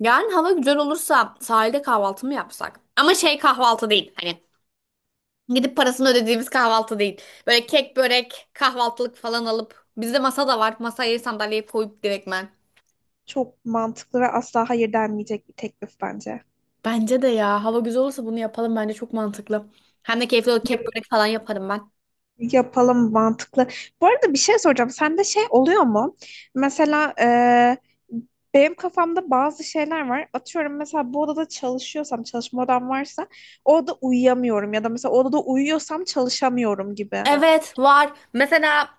Yarın hava güzel olursa sahilde kahvaltı mı yapsak? Ama şey kahvaltı değil. Hani gidip parasını ödediğimiz kahvaltı değil. Böyle kek, börek, kahvaltılık falan alıp. Bizde masa da var. Masayı sandalyeye koyup direktmen. Çok mantıklı ve asla hayır denmeyecek bir teklif bence. Bence de ya. Hava güzel olursa bunu yapalım. Bence çok mantıklı. Hem de keyifli olur. Kek, börek falan yaparım ben. Yapalım mantıklı. Bu arada bir şey soracağım. Sende şey oluyor mu? Mesela benim kafamda bazı şeyler var. Atıyorum mesela bu odada çalışıyorsam, çalışma odam varsa o odada uyuyamıyorum. Ya da mesela o odada uyuyorsam çalışamıyorum gibi. Evet var. Mesela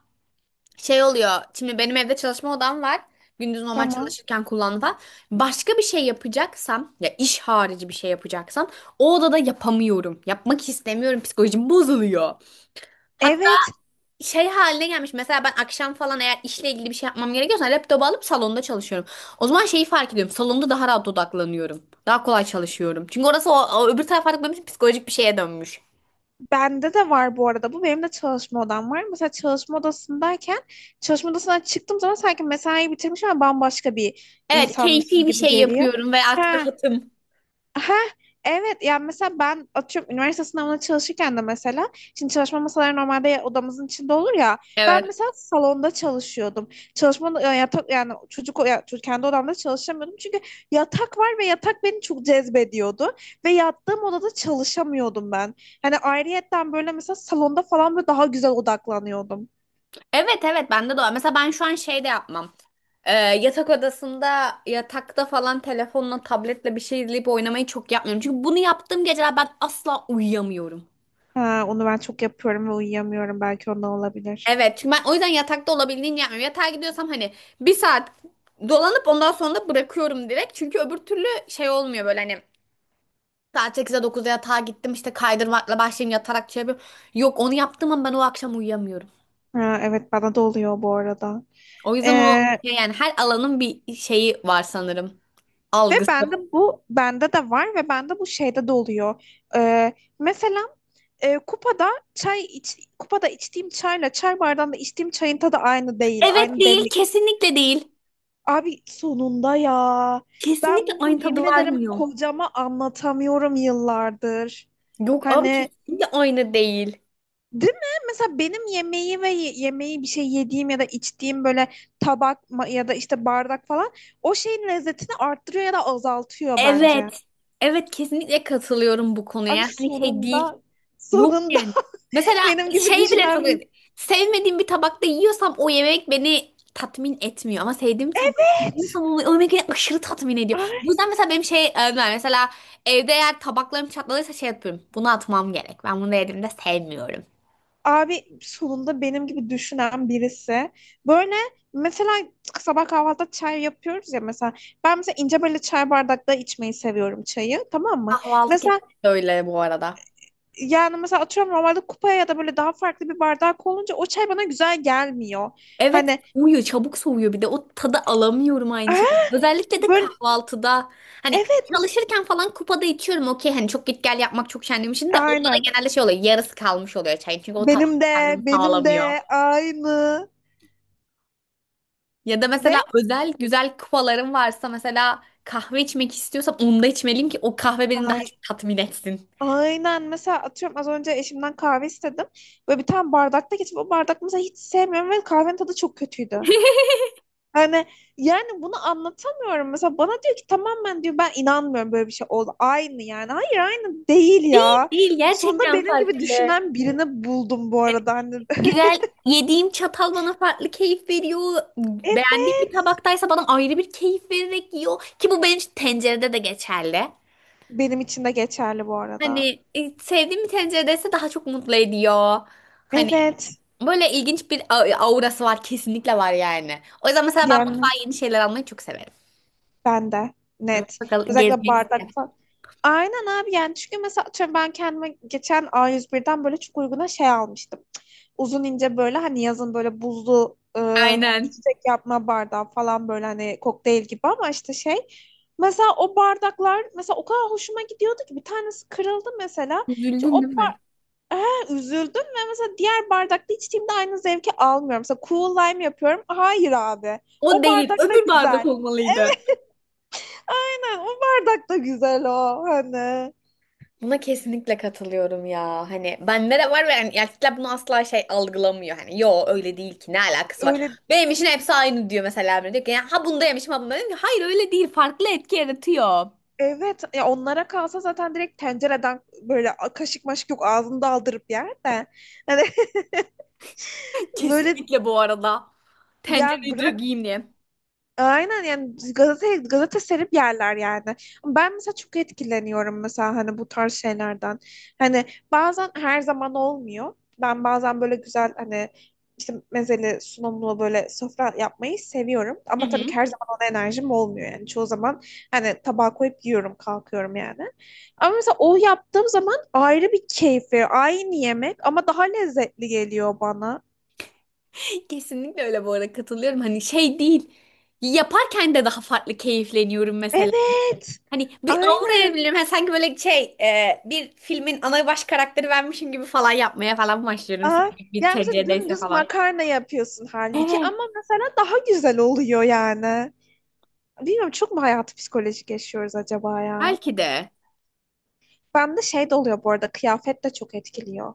şey oluyor. Şimdi benim evde çalışma odam var. Gündüz normal Tamam. çalışırken kullandım falan. Başka bir şey yapacaksam ya iş harici bir şey yapacaksam o odada yapamıyorum. Yapmak istemiyorum. Psikolojim bozuluyor. Hatta Evet. şey haline gelmiş. Mesela ben akşam falan eğer işle ilgili bir şey yapmam gerekiyorsa laptopu alıp salonda çalışıyorum. O zaman şeyi fark ediyorum. Salonda daha rahat odaklanıyorum. Daha kolay çalışıyorum. Çünkü orası o öbür taraf artık benim için psikolojik bir şeye dönmüş. Bende de var bu arada bu. Benim de çalışma odam var. Mesela çalışma odasındayken çalışma odasından çıktığım zaman sanki mesai bitirmiş ama bambaşka bir Evet, insanmışım keyfi bir gibi şey geliyor. yapıyorum ve artık He, rahatım. Ha evet, yani mesela ben atıyorum üniversite sınavına çalışırken de mesela şimdi çalışma masaları normalde odamızın içinde olur ya, Evet. ben mesela salonda çalışıyordum. Çalışma yatak, yani çocuk ya, kendi odamda çalışamıyordum çünkü yatak var ve yatak beni çok cezbediyordu ve yattığım odada çalışamıyordum ben. Hani ayrıyetten böyle mesela salonda falan böyle daha güzel odaklanıyordum. Evet, evet, bende de var. Mesela ben şu an şey de yapmam. Yatak odasında yatakta falan telefonla tabletle bir şey izleyip oynamayı çok yapmıyorum. Çünkü bunu yaptığım geceler ben asla uyuyamıyorum. Ha, onu ben çok yapıyorum ve uyuyamıyorum, belki ondan olabilir. Evet, çünkü ben o yüzden yatakta olabildiğince yapmıyorum. Yatağa gidiyorsam hani bir saat dolanıp ondan sonra da bırakıyorum direkt. Çünkü öbür türlü şey olmuyor, böyle hani saat 8'e dokuzda yatağa gittim işte kaydırmakla başlayayım yatarak şey yapıyorum. Yok, onu yaptığım an ben o akşam uyuyamıyorum. Ha, evet bana da oluyor bu arada. O yüzden o şey yani her alanın bir şeyi var sanırım. Ve Algısı. Bende de var, ve bende bu şeyde de oluyor. Ee, Mesela e, kupada kupada içtiğim çayla çay bardağında içtiğim çayın tadı aynı değil, Evet, aynı değil, demlik. kesinlikle değil. Abi sonunda ya. Ben Kesinlikle bunu aynı yemin tadı ederim vermiyor. kocama anlatamıyorum yıllardır. Yok abi, Hani, kesinlikle aynı değil. değil mi? Mesela benim yemeği bir şey yediğim ya da içtiğim böyle tabak ya da işte bardak falan, o şeyin lezzetini arttırıyor ya da azaltıyor bence. Evet. Evet, kesinlikle katılıyorum bu konuya. Abi Yani hani şey değil. sonunda Yok sonunda yani. Mesela benim gibi şey bile çok düşünen bir. sevmediğim bir tabakta yiyorsam o yemek beni tatmin etmiyor. Ama sevdiğim tabakta Evet. yiyorsam o yemek beni aşırı tatmin ediyor. Bu Ay, yüzden mesela benim şey ben mesela evde eğer tabaklarım çatladıysa şey yapıyorum. Bunu atmam gerek. Ben bunu yediğimde sevmiyorum. abi sonunda benim gibi düşünen birisi. Böyle mesela sabah kahvaltıda çay yapıyoruz ya mesela. Ben mesela ince böyle çay bardakta içmeyi seviyorum çayı, tamam mı? Kahvaltı Mesela kesinlikle öyle bu arada. mesela atıyorum normalde kupaya ya da böyle daha farklı bir bardak olunca o çay bana güzel gelmiyor. Evet, Hani, soğuyor, çabuk soğuyor, bir de o tadı alamıyorum aynı şekilde. Özellikle de böyle, kahvaltıda hani evet, çalışırken falan kupada içiyorum okey, hani çok git gel yapmak çok şenliğim için de onda da aynen, genelde şey oluyor, yarısı kalmış oluyor çayın, çünkü o tat benim de kendimi benim sağlamıyor. de aynı Ya da ve mesela özel güzel kupalarım varsa mesela kahve içmek istiyorsam onda içmeliyim ki o kahve beni daha aynı. çok tatmin etsin. Aynen, mesela atıyorum az önce eşimden kahve istedim. Böyle bir tane bardakta geçip o bardak mesela hiç sevmiyorum ve kahvenin tadı çok kötüydü. Yani yani bunu anlatamıyorum. Mesela bana diyor ki, tamamen diyor ben inanmıyorum böyle bir şey oldu. Aynı, yani. Hayır, aynı değil ya. Değil, Sonunda gerçekten benim gibi farklı. düşünen birini buldum bu arada. Hani, Güzel yediğim çatal bana farklı keyif veriyor. Beğendiğim bir evet. tabaktaysa bana ayrı bir keyif vererek yiyor. Ki bu benim için tencerede de geçerli. Benim için de geçerli bu arada. Hani sevdiğim bir tenceredeyse daha çok mutlu ediyor. Hani Evet. böyle ilginç bir aurası var, kesinlikle var yani. O yüzden mesela ben Yani mutfağa yeni şeyler almayı çok severim. ben de net. Bakalım, Özellikle gezmeyi bardak isterim. falan. Aynen abi, yani çünkü mesela atıyorum ben kendime geçen A101'den böyle çok uyguna şey almıştım. Uzun ince böyle, hani yazın böyle buzlu Aynen. içecek yapma bardağı falan, böyle hani kokteyl gibi ama işte şey. Mesela o bardaklar mesela o kadar hoşuma gidiyordu ki bir tanesi kırıldı mesela. İşte Üzüldün o değil bar mi? He, üzüldüm ve mesela diğer bardakta içtiğimde aynı zevki almıyorum. Mesela cool lime yapıyorum. Hayır abi. O O değil. bardak da Öbür bardak güzel. olmalıydı. Aynen, o bardak da güzel o, hani. Buna kesinlikle katılıyorum ya. Hani bende de var ve yani erkekler bunu asla şey algılamıyor. Hani yo, öyle değil ki, ne alakası var. Öyle, Benim için hepsi aynı diyor mesela. Emre. Diyor ki ya, ha bunda yemişim ha bunda yemişim. Hayır, öyle değil, farklı etki yaratıyor. evet ya, onlara kalsa zaten direkt tencereden böyle kaşık maşık yok, ağzında aldırıp yer de. Hani, böyle Kesinlikle bu arada. ya. Tencereyi direkt yiyeyim diye. Aynen yani, gazete gazete serip yerler yani. Ben mesela çok etkileniyorum mesela, hani bu tarz şeylerden. Hani, bazen, her zaman olmuyor. Ben bazen böyle güzel, hani işte mezeli sunumlu böyle sofra yapmayı seviyorum. Hı Ama tabii ki hı. her zaman ona enerjim olmuyor yani. Çoğu zaman hani tabağa koyup yiyorum, kalkıyorum yani. Ama mesela o yaptığım zaman ayrı bir keyif veriyor. Aynı yemek ama daha lezzetli geliyor bana. Kesinlikle öyle bu arada, katılıyorum. Hani şey değil. Yaparken de daha farklı keyifleniyorum mesela. Evet. Hani bir aura Aynen. evliliğim. Ha, sanki böyle şey bir filmin ana baş karakteri benmişim gibi falan yapmaya falan başlıyorum. Aa, Sevdiğim bir yani mesela TC'deyse dümdüz falan. makarna yapıyorsun halbuki, Evet. ama mesela daha güzel oluyor yani. Bilmiyorum, çok mu hayatı psikolojik yaşıyoruz acaba ya? Belki de. Bende şey de oluyor bu arada, kıyafet de çok etkiliyor.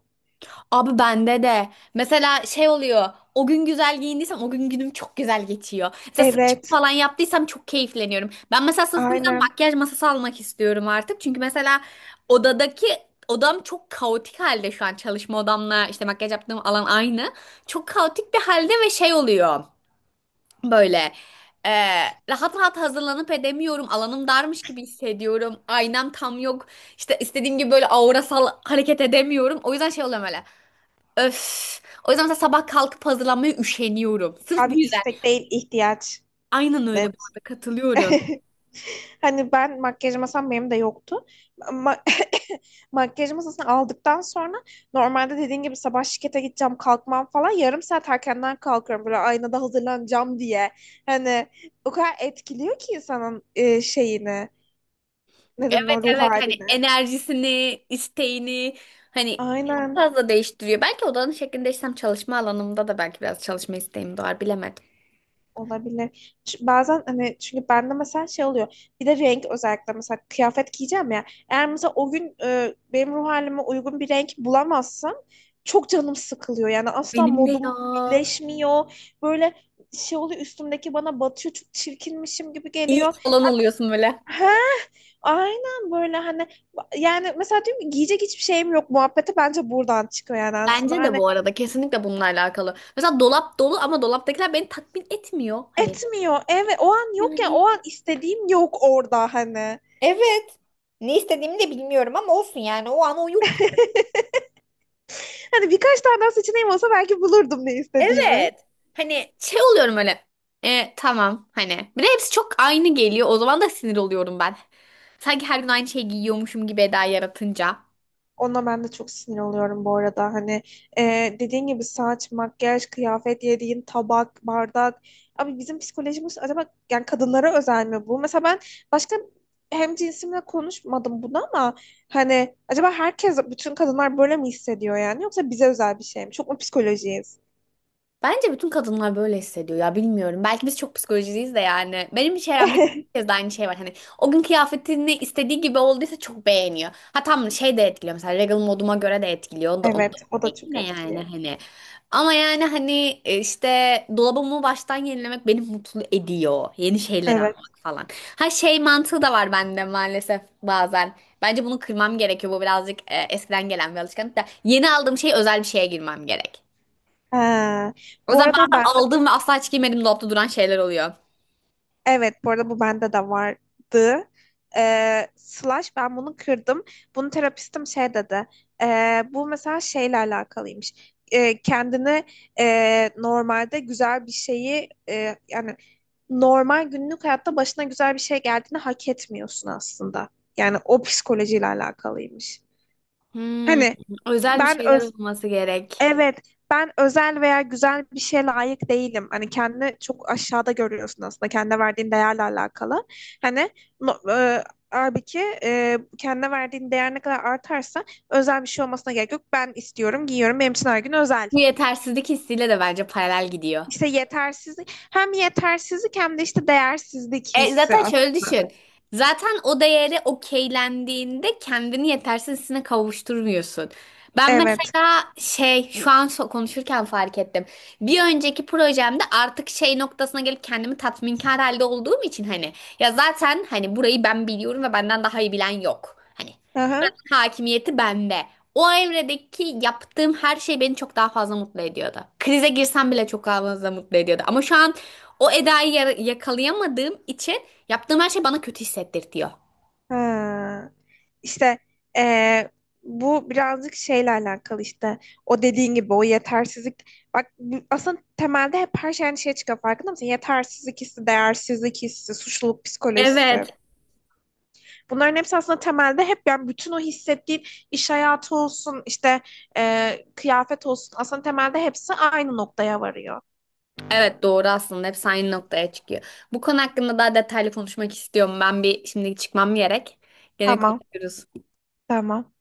Abi bende de. Mesela şey oluyor. O gün güzel giyindiysem o gün günüm çok güzel geçiyor. Mesela saçımı Evet, falan yaptıysam çok keyifleniyorum. Ben mesela sırf bu yüzden aynen. makyaj masası almak istiyorum artık. Çünkü mesela odadaki odam çok kaotik halde şu an. Çalışma odamla işte makyaj yaptığım alan aynı. Çok kaotik bir halde ve şey oluyor. Böyle e, rahat rahat hazırlanıp edemiyorum. Alanım darmış gibi hissediyorum. Aynam tam yok. İşte istediğim gibi böyle aurasal hareket edemiyorum. O yüzden şey oluyor böyle. Öf. O yüzden mesela sabah kalkıp hazırlanmaya üşeniyorum. Sırf bu Abi yüzden. istek değil, ihtiyaç. Aynen öyle. Bu Net. arada katılıyorum. Hani ben, makyaj masam benim de yoktu. Ma makyaj masasını aldıktan sonra, normalde dediğin gibi sabah şirkete gideceğim, kalkmam falan yarım saat erkenden kalkıyorum böyle aynada hazırlanacağım diye. Hani o kadar etkiliyor ki insanın şeyini, neden, Evet, o ruh evet, hani halini. enerjisini, isteğini hani çok Aynen. fazla değiştiriyor. Belki odanın şeklini değiştirsem çalışma alanımda da belki biraz çalışma isteğim doğar. Bilemedim. Olabilir. Bazen hani, çünkü bende mesela şey oluyor. Bir de renk özellikle, mesela kıyafet giyeceğim ya. Eğer mesela o gün benim ruh halime uygun bir renk bulamazsam çok canım sıkılıyor. Yani asla Benim de ya. modum birleşmiyor. Böyle şey oluyor, üstümdeki bana batıyor. Çok çirkinmişim gibi İyi geliyor. falan oluyorsun böyle. He, aynen, böyle hani, yani mesela diyorum ki giyecek hiçbir şeyim yok muhabbeti bence buradan çıkıyor yani aslında. Bence de Hani, bu arada kesinlikle bununla alakalı. Mesela dolap dolu ama dolaptakiler beni tatmin etmiyor. Hani etmiyor. Evet, o an yok ya, yani. o an istediğim yok orada hani. Evet. Ne istediğimi de bilmiyorum ama olsun yani, o an o yok. Hani birkaç tane daha seçeneğim olsa belki bulurdum ne istediğimi. Evet. Hani şey oluyorum öyle. E, tamam hani. Bir de hepsi çok aynı geliyor. O zaman da sinir oluyorum ben. Sanki her gün aynı şeyi giyiyormuşum gibi eda yaratınca. Ona ben de çok sinir oluyorum bu arada. Hani, dediğin gibi saç, makyaj, kıyafet, yediğin tabak, bardak. Abi bizim psikolojimiz acaba yani kadınlara özel mi bu? Mesela ben başka hem cinsimle konuşmadım bunu, ama hani acaba herkes, bütün kadınlar böyle mi hissediyor yani? Yoksa bize özel bir şey mi? Çok mu psikolojiyiz? Bence bütün kadınlar böyle hissediyor ya, bilmiyorum. Belki biz çok psikolojiciyiz de yani. Benim çevremde herkes de aynı şey var. Hani o gün kıyafetini istediği gibi olduysa çok beğeniyor. Ha, tam şey de etkiliyor mesela, regal moduma göre de etkiliyor. Onu da, onu Evet, o da da çok ne yani etkiliyor. hani. Ama yani hani işte dolabımı baştan yenilemek beni mutlu ediyor. Yeni şeyler Evet. almak falan. Ha, şey mantığı da var bende maalesef bazen. Bence bunu kırmam gerekiyor. Bu birazcık eskiden gelen bir alışkanlık da. Yeni aldığım şey özel bir şeye girmem gerek. Ha. O Bu zaman arada o ben de ben aldığım ve asla hiç giymediğim dolapta duran şeyler oluyor. Evet, bu arada bu bende de vardı. Slash ben bunu kırdım. Bunu terapistim şey dedi. Bu mesela şeyle alakalıymış. Kendini normalde güzel bir şeyi yani normal günlük hayatta başına güzel bir şey geldiğini hak etmiyorsun aslında. Yani o psikolojiyle alakalıymış. Hmm, Hani özel bir ben şeyler öz olması gerek. Evet, ben özel veya güzel bir şeye layık değilim. Hani kendini çok aşağıda görüyorsun aslında. Kendine verdiğin değerle alakalı. Hani, no, halbuki kendine verdiğin değer ne kadar artarsa özel bir şey olmasına gerek yok. Ben istiyorum, giyiyorum. Benim için her gün özel. Bu yetersizlik hissiyle de bence paralel gidiyor. İşte yetersizlik. Hem yetersizlik hem de işte değersizlik E, hissi zaten şöyle aslında. düşün. Zaten o değeri okeylendiğinde kendini yetersiz hissine kavuşturmuyorsun. Ben Evet. mesela şey şu an konuşurken fark ettim. Bir önceki projemde artık şey noktasına gelip kendimi tatminkar halde olduğum için hani, ya zaten hani burayı ben biliyorum ve benden daha iyi bilen yok. Hani hakimiyeti bende. O Emre'deki yaptığım her şey beni çok daha fazla mutlu ediyordu. Krize girsem bile çok daha fazla mutlu ediyordu. Ama şu an o Eda'yı yakalayamadığım için yaptığım her şey bana kötü hissettirtiyor. Ha. İşte eee, bu birazcık şeyle alakalı işte, o dediğin gibi o yetersizlik, bak, aslında temelde hep her şey aynı şeye çıkıyor, farkında mısın? Yetersizlik hissi, değersizlik hissi, suçluluk psikolojisi. Evet. Bunların hepsi aslında temelde hep, yani bütün o hissettiğin iş hayatı olsun, işte kıyafet olsun, aslında temelde hepsi aynı noktaya varıyor. Evet, doğru, aslında hep aynı noktaya çıkıyor. Bu konu hakkında daha detaylı konuşmak istiyorum. Ben bir şimdi çıkmam gerek. Gene Tamam, konuşuruz. tamam.